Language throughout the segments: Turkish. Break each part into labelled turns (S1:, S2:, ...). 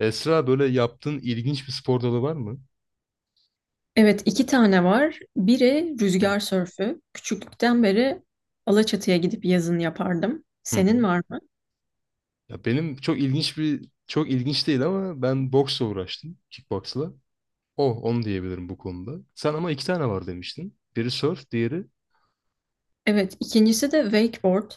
S1: Esra böyle yaptığın ilginç bir spor dalı var mı?
S2: Evet, iki tane var. Biri
S1: Hı
S2: rüzgar sörfü. Küçüklükten beri Alaçatı'ya gidip yazın yapardım.
S1: hı.
S2: Senin
S1: Hı.
S2: var mı?
S1: Ya benim çok ilginç değil ama ben boksla uğraştım, kickboksla. Oh, onu diyebilirim bu konuda. Sen ama iki tane var demiştin. Biri surf, diğeri
S2: Evet, ikincisi de wakeboard.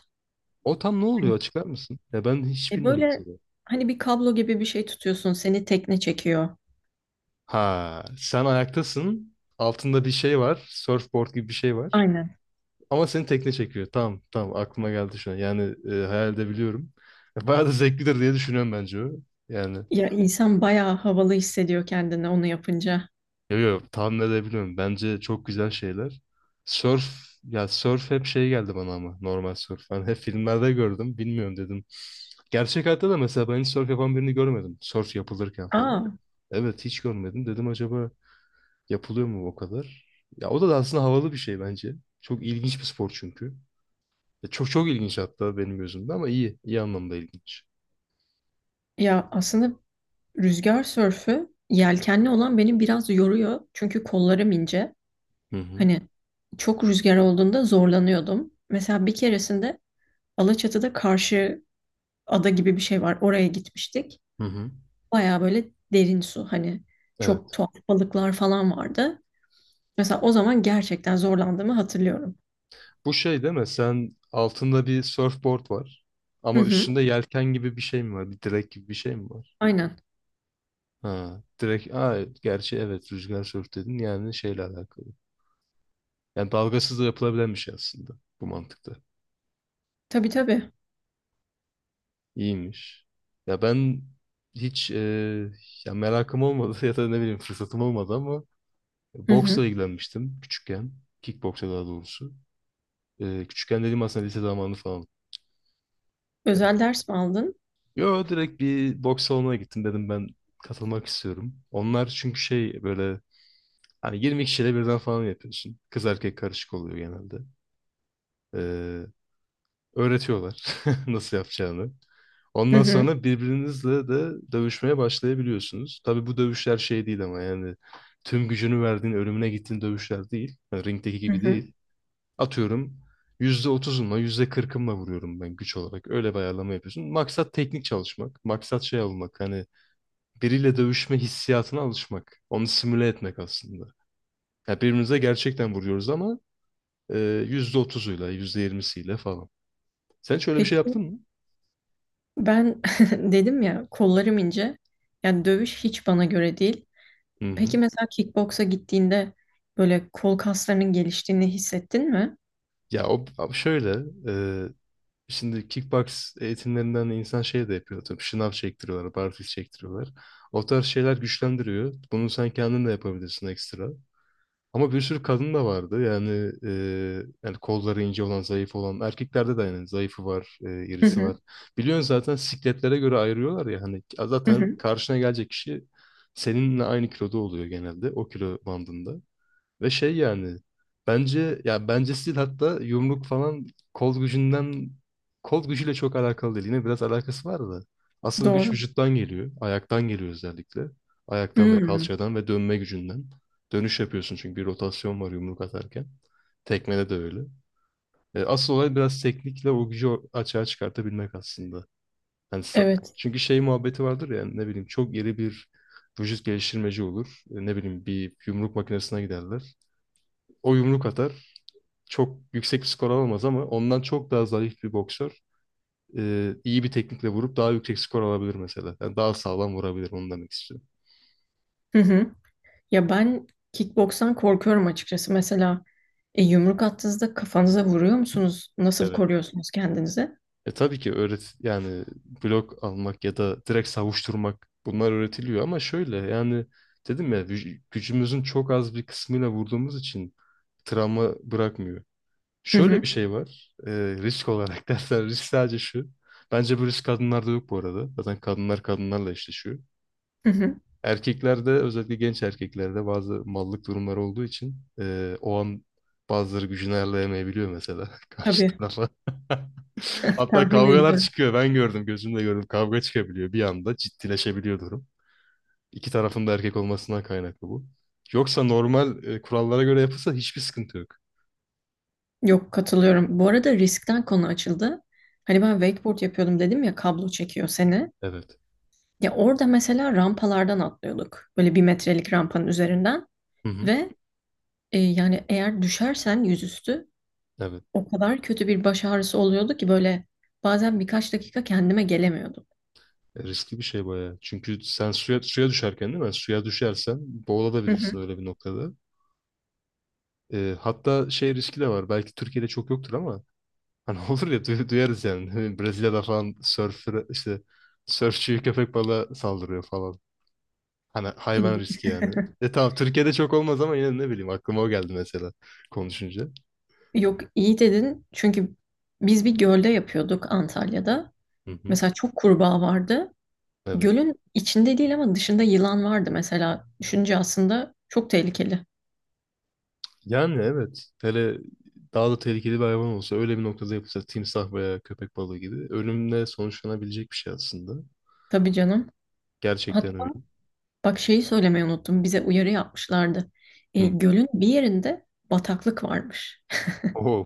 S1: o tam ne oluyor açıklar mısın? Ya ben hiç bilmiyorum
S2: Böyle
S1: mesela.
S2: hani bir kablo gibi bir şey tutuyorsun, seni tekne çekiyor.
S1: Ha, sen ayaktasın. Altında bir şey var. Surfboard gibi bir şey var.
S2: Aynen.
S1: Ama seni tekne çekiyor. Tamam, tamam aklıma geldi şu an. Yani hayal edebiliyorum. Bayağı da zevklidir diye düşünüyorum bence o. Yani
S2: Ya insan bayağı havalı hissediyor kendini onu yapınca.
S1: yok yo tahmin edebiliyorum. Bence çok güzel şeyler. Surf, ya surf hep şey geldi bana ama normal surf. Ben hep filmlerde gördüm. Bilmiyorum dedim. Gerçek hayatta da mesela ben hiç surf yapan birini görmedim. Surf yapılırken falan.
S2: Aa,
S1: Evet hiç görmedim. Dedim acaba yapılıyor mu o kadar? Ya o da aslında havalı bir şey bence. Çok ilginç bir spor çünkü. Çok çok ilginç hatta benim gözümde ama iyi. İyi anlamda ilginç.
S2: ya aslında rüzgar sörfü yelkenli olan beni biraz yoruyor. Çünkü kollarım ince.
S1: Hı hı.
S2: Hani çok rüzgar olduğunda zorlanıyordum. Mesela bir keresinde Alaçatı'da karşı ada gibi bir şey var. Oraya gitmiştik.
S1: Hı hı.
S2: Baya böyle derin su. Hani çok
S1: Evet.
S2: tuhaf balıklar falan vardı. Mesela o zaman gerçekten zorlandığımı hatırlıyorum.
S1: Bu şey değil mi? Sen altında bir surfboard var.
S2: Hı
S1: Ama
S2: hı,
S1: üstünde yelken gibi bir şey mi var? Bir direk gibi bir şey mi var?
S2: aynen.
S1: Ha, direk. Aa, gerçi evet rüzgar sörf dedin. Yani şeyle alakalı. Yani dalgasız da yapılabilen bir şey aslında. Bu mantıkta.
S2: Tabii tabii.
S1: İyiymiş. Ya ben hiç ya merakım olmadı ya da ne bileyim fırsatım olmadı ama
S2: Hı hı.
S1: boksla ilgilenmiştim küçükken. Kickboksa daha doğrusu. Küçükken dediğim aslında lise zamanı falan.
S2: Özel
S1: E,
S2: ders mi aldın?
S1: Yo, direkt bir boks salonuna gittim, dedim ben katılmak istiyorum. Onlar çünkü şey böyle hani 20 kişiyle birden falan yapıyorsun. Kız erkek karışık oluyor genelde. Ee, öğretiyorlar nasıl yapacağını.
S2: Hı
S1: Ondan
S2: hı,
S1: sonra birbirinizle de dövüşmeye başlayabiliyorsunuz. Tabii bu dövüşler şey değil ama yani tüm gücünü verdiğin, ölümüne gittiğin dövüşler değil. Yani ringdeki
S2: hı
S1: gibi
S2: hı.
S1: değil. Atıyorum %30'umla yüzde kırkımla vuruyorum ben güç olarak. Öyle bir ayarlama yapıyorsun. Maksat teknik çalışmak. Maksat şey olmak. Hani biriyle dövüşme hissiyatına alışmak. Onu simüle etmek aslında. Ya birbirimize gerçekten vuruyoruz ama e, %30'uyla, %20'siyle falan. Sen hiç öyle bir şey
S2: Peki
S1: yaptın mı?
S2: ben dedim ya kollarım ince. Yani dövüş hiç bana göre değil.
S1: Hı hı.
S2: Peki mesela kickboksa gittiğinde böyle kol kaslarının geliştiğini hissettin mi?
S1: Ya o şöyle, e, şimdi kickbox eğitimlerinden insan şey de yapıyor. Tabii şınav çektiriyorlar, barfiks çektiriyorlar. O tarz şeyler güçlendiriyor. Bunu sen kendin de yapabilirsin ekstra. Ama bir sürü kadın da vardı. Yani yani kolları ince olan, zayıf olan. Erkeklerde de yani zayıfı var,
S2: Hı
S1: irisi var.
S2: hı,
S1: Biliyorsun zaten sikletlere göre ayırıyorlar ya. Hani
S2: hı
S1: zaten
S2: hı.
S1: karşına gelecek kişi seninle aynı kiloda oluyor genelde. O kilo bandında. Ve şey yani bence ya bence stil hatta yumruk falan kol gücünden kol gücüyle çok alakalı değil. Yine biraz alakası var da. Asıl güç
S2: Doğru.
S1: vücuttan geliyor. Ayaktan geliyor özellikle. Ayaktan ve
S2: Hmm,
S1: kalçadan ve dönme gücünden. Dönüş yapıyorsun çünkü bir rotasyon var yumruk atarken. Tekmede de öyle. Asıl olay biraz teknikle o gücü açığa çıkartabilmek aslında. Yani sa-
S2: evet.
S1: çünkü şey muhabbeti vardır ya, ne bileyim, çok iri bir vücut geliştirmeci olur. Ne bileyim bir yumruk makinesine giderler. O yumruk atar, çok yüksek skor alamaz ama ondan çok daha zayıf bir boksör iyi bir teknikle vurup daha yüksek skor alabilir mesela. Yani daha sağlam vurabilir onu demek istiyorum.
S2: Hı hı. Ya ben kickbokstan korkuyorum açıkçası. Mesela yumruk attığınızda kafanıza vuruyor musunuz? Nasıl
S1: Evet.
S2: koruyorsunuz kendinizi?
S1: E tabii ki öğret yani blok almak ya da direkt savuşturmak bunlar öğretiliyor ama şöyle yani dedim ya gücümüzün çok az bir kısmıyla vurduğumuz için travma bırakmıyor.
S2: Hı
S1: Şöyle
S2: hı,
S1: bir şey var, risk olarak dersen risk sadece şu. Bence bu risk kadınlarda yok bu arada. Zaten kadınlar kadınlarla eşleşiyor.
S2: hı hı.
S1: Erkeklerde, özellikle genç erkeklerde bazı mallık durumları olduğu için, o an bazıları gücünü ayarlayamayabiliyor mesela karşı
S2: Tabii,
S1: tarafa. Hatta
S2: tahmin
S1: kavgalar
S2: ediyorum.
S1: çıkıyor. Ben gördüm, gözümle gördüm. Kavga çıkabiliyor bir anda. Ciddileşebiliyor durum. İki tarafın da erkek olmasından kaynaklı bu. Yoksa normal kurallara göre yapılsa hiçbir sıkıntı yok.
S2: Yok, katılıyorum. Bu arada riskten konu açıldı. Hani ben wakeboard yapıyordum dedim ya kablo çekiyor seni.
S1: Evet.
S2: Ya orada mesela rampalardan atlıyorduk. Böyle bir metrelik rampanın üzerinden.
S1: Hı hı.
S2: Ve yani eğer düşersen yüzüstü
S1: Evet.
S2: o kadar kötü bir baş ağrısı oluyordu ki böyle bazen birkaç dakika kendime gelemiyordum.
S1: Riskli bir şey bayağı. Çünkü sen suya düşerken değil mi? Suya düşersen
S2: Hı hı.
S1: boğulabilirsin öyle bir noktada. Hatta şey riski de var. Belki Türkiye'de çok yoktur ama hani olur ya, duyarız yani. Hani Brezilya'da falan surfer, işte sörfçü, köpek balığı saldırıyor falan. Hani hayvan
S2: İyi.
S1: riski yani. E tamam, Türkiye'de çok olmaz ama yine ne bileyim, aklıma o geldi mesela konuşunca.
S2: Yok, iyi dedin çünkü biz bir gölde yapıyorduk Antalya'da.
S1: Hı hı.
S2: Mesela çok kurbağa vardı.
S1: Evet.
S2: Gölün içinde değil ama dışında yılan vardı mesela. Düşünce aslında çok tehlikeli.
S1: Yani evet. Hele daha da tehlikeli bir hayvan olsa öyle bir noktada yapılsa, timsah veya köpek balığı gibi, ölümle sonuçlanabilecek bir şey aslında.
S2: Tabii canım. Hatta
S1: Gerçekten öyle.
S2: bak şeyi söylemeyi unuttum. Bize uyarı yapmışlardı.
S1: Hı.
S2: Gölün bir yerinde bataklık varmış.
S1: Oo.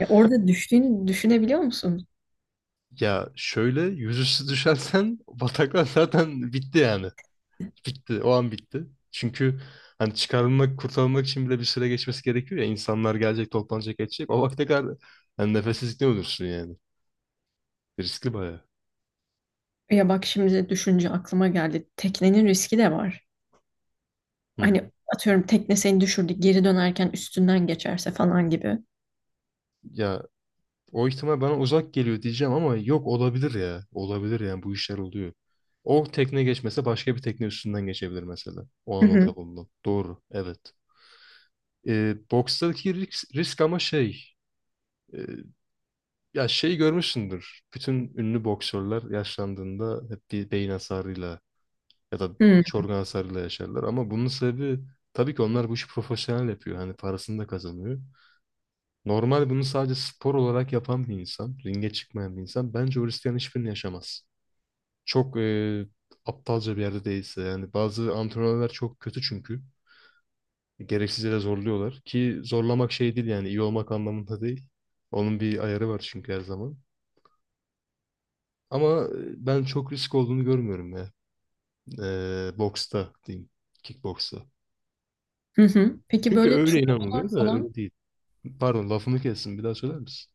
S2: Orada düştüğünü düşünebiliyor musun?
S1: Ya şöyle yüzüstü düşersen bataklar, zaten bitti yani. Bitti. O an bitti. Çünkü hani çıkarılmak, kurtarılmak için bile bir süre geçmesi gerekiyor ya. İnsanlar gelecek, toplanacak, edecek. O vakte kadar yani nefessizlikle ölürsün yani. Riskli bayağı.
S2: Ya bak şimdi düşünce aklıma geldi. Teknenin riski de var.
S1: Hı hı.
S2: Hani atıyorum tekne seni düşürdü geri dönerken üstünden geçerse falan gibi.
S1: Ya o ihtimal bana uzak geliyor diyeceğim ama yok, olabilir ya. Olabilir yani, bu işler oluyor. O tekne geçmese başka bir tekne üstünden geçebilir mesela. O
S2: Hı
S1: an
S2: hı.
S1: orada bulunan. Doğru. Evet. Bokstaki risk ama şey... Ya şey görmüşsündür. Bütün ünlü boksörler yaşlandığında hep bir beyin hasarıyla ya da
S2: Hı
S1: iç organ hasarıyla yaşarlar. Ama bunun sebebi, tabii ki onlar bu işi profesyonel yapıyor. Hani parasını da kazanıyor. Normal bunu sadece spor olarak yapan bir insan, ringe çıkmayan bir insan bence o risklerin hiçbirini yaşamaz. Çok aptalca bir yerde değilse yani, bazı antrenörler çok kötü çünkü. Gereksiz yere zorluyorlar ki zorlamak şey değil yani iyi olmak anlamında değil. Onun bir ayarı var çünkü her zaman. Ama ben çok risk olduğunu görmüyorum ya. Boksta diyeyim. Kickboksta.
S2: hı. Hı. Peki
S1: Çünkü
S2: böyle
S1: öyle
S2: turnuvalar
S1: inanılıyor da
S2: falan.
S1: öyle değil. Pardon, lafımı kestim. Bir daha söyler misin?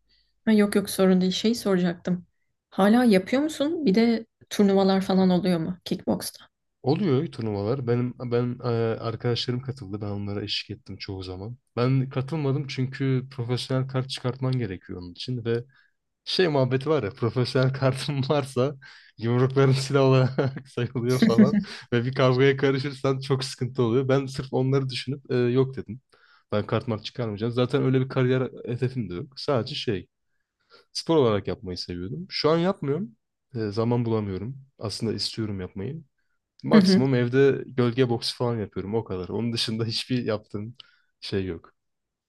S2: Ha, yok yok, sorun değil. Şey soracaktım. Hala yapıyor musun? Bir de turnuvalar falan oluyor mu kickboksta?
S1: Oluyor turnuvalar. Benim ben arkadaşlarım katıldı. Ben onlara eşlik ettim çoğu zaman. Ben katılmadım çünkü profesyonel kart çıkartman gerekiyor onun için ve şey muhabbeti var ya, profesyonel kartın varsa yumrukların silah olarak sayılıyor falan ve bir kavgaya karışırsan çok sıkıntı oluyor. Ben sırf onları düşünüp yok dedim. Ben kart mart çıkarmayacağım. Zaten öyle bir kariyer hedefim de yok. Sadece şey spor olarak yapmayı seviyordum. Şu an yapmıyorum. Zaman bulamıyorum. Aslında istiyorum yapmayı.
S2: Hı hı.
S1: Maksimum evde gölge boksu falan yapıyorum o kadar. Onun dışında hiçbir yaptığım şey yok.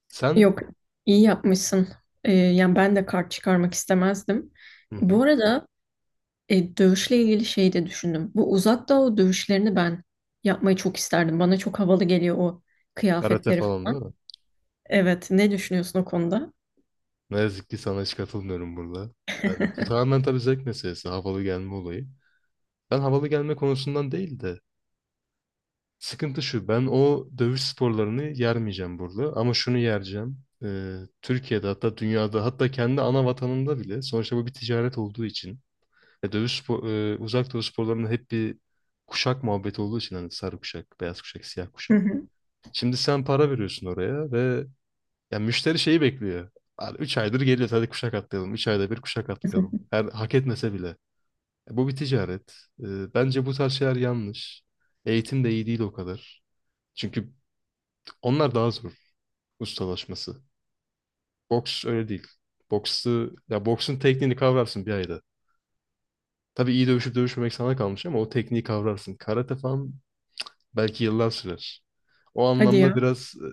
S1: Sen?
S2: Yok, iyi yapmışsın. Yani ben de kart çıkarmak istemezdim.
S1: Hı hı.
S2: Bu arada dövüşle ilgili şey de düşündüm. Bu uzak doğu dövüşlerini ben yapmayı çok isterdim. Bana çok havalı geliyor o
S1: Karate
S2: kıyafetleri
S1: falan değil?
S2: falan. Evet, ne düşünüyorsun o konuda?
S1: Ne yazık ki sana hiç katılmıyorum burada. Yani bu tamamen tabii zevk meselesi, havalı gelme olayı. Ben havalı gelme konusundan değil de, sıkıntı şu, ben o dövüş sporlarını yermeyeceğim burada ama şunu yereceğim. Türkiye'de, hatta dünyada, hatta kendi ana vatanında bile, sonuçta bu bir ticaret olduğu için, uzak dövüş sporlarının hep bir kuşak muhabbeti olduğu için, hani sarı kuşak, beyaz kuşak, siyah
S2: Hı
S1: kuşak.
S2: hı.
S1: Şimdi sen para veriyorsun oraya ve ya müşteri şeyi bekliyor. 3 aydır geliyor, hadi kuşak atlayalım. 3 ayda bir kuşak atlayalım. Her hak etmese bile. Bu bir ticaret. Bence bu tarz şeyler yanlış. Eğitim de iyi değil o kadar. Çünkü onlar daha zor ustalaşması. Boks öyle değil. Boksu, ya boksun tekniğini kavrarsın bir ayda. Tabii iyi dövüşüp dövüşmemek sana kalmış ama o tekniği kavrarsın. Karate falan belki yıllar sürer. O
S2: Hadi
S1: anlamda
S2: ya.
S1: biraz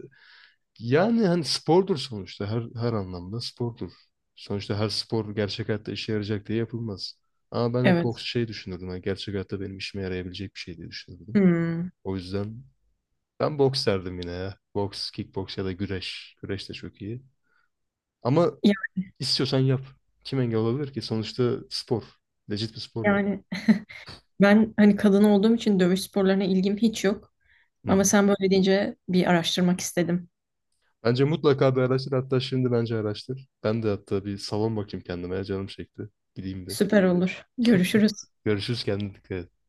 S1: yani hani spordur sonuçta, her anlamda spordur. Sonuçta her spor gerçek hayatta işe yarayacak diye yapılmaz. Ama ben hep
S2: Evet.
S1: boks şey düşünürdüm. Hani gerçek hayatta benim işime yarayabilecek bir şey diye düşünürdüm.
S2: Hmm.
S1: O yüzden ben boks derdim yine ya. Boks, kickboks ya da güreş. Güreş de çok iyi. Ama
S2: Ya-
S1: istiyorsan yap. Kim engel olabilir ki? Sonuçta spor. Legit bir spor yani.
S2: Yani ben hani kadın olduğum için dövüş sporlarına ilgim hiç yok.
S1: Hı
S2: Ama
S1: hı.
S2: sen böyle deyince bir araştırmak istedim.
S1: Bence mutlaka bir araştır. Hatta şimdi bence araştır. Ben de hatta bir salon bakayım kendime. Canım çekti. Gideyim de.
S2: Süper olur. Görüşürüz.
S1: Görüşürüz, kendine dikkat et.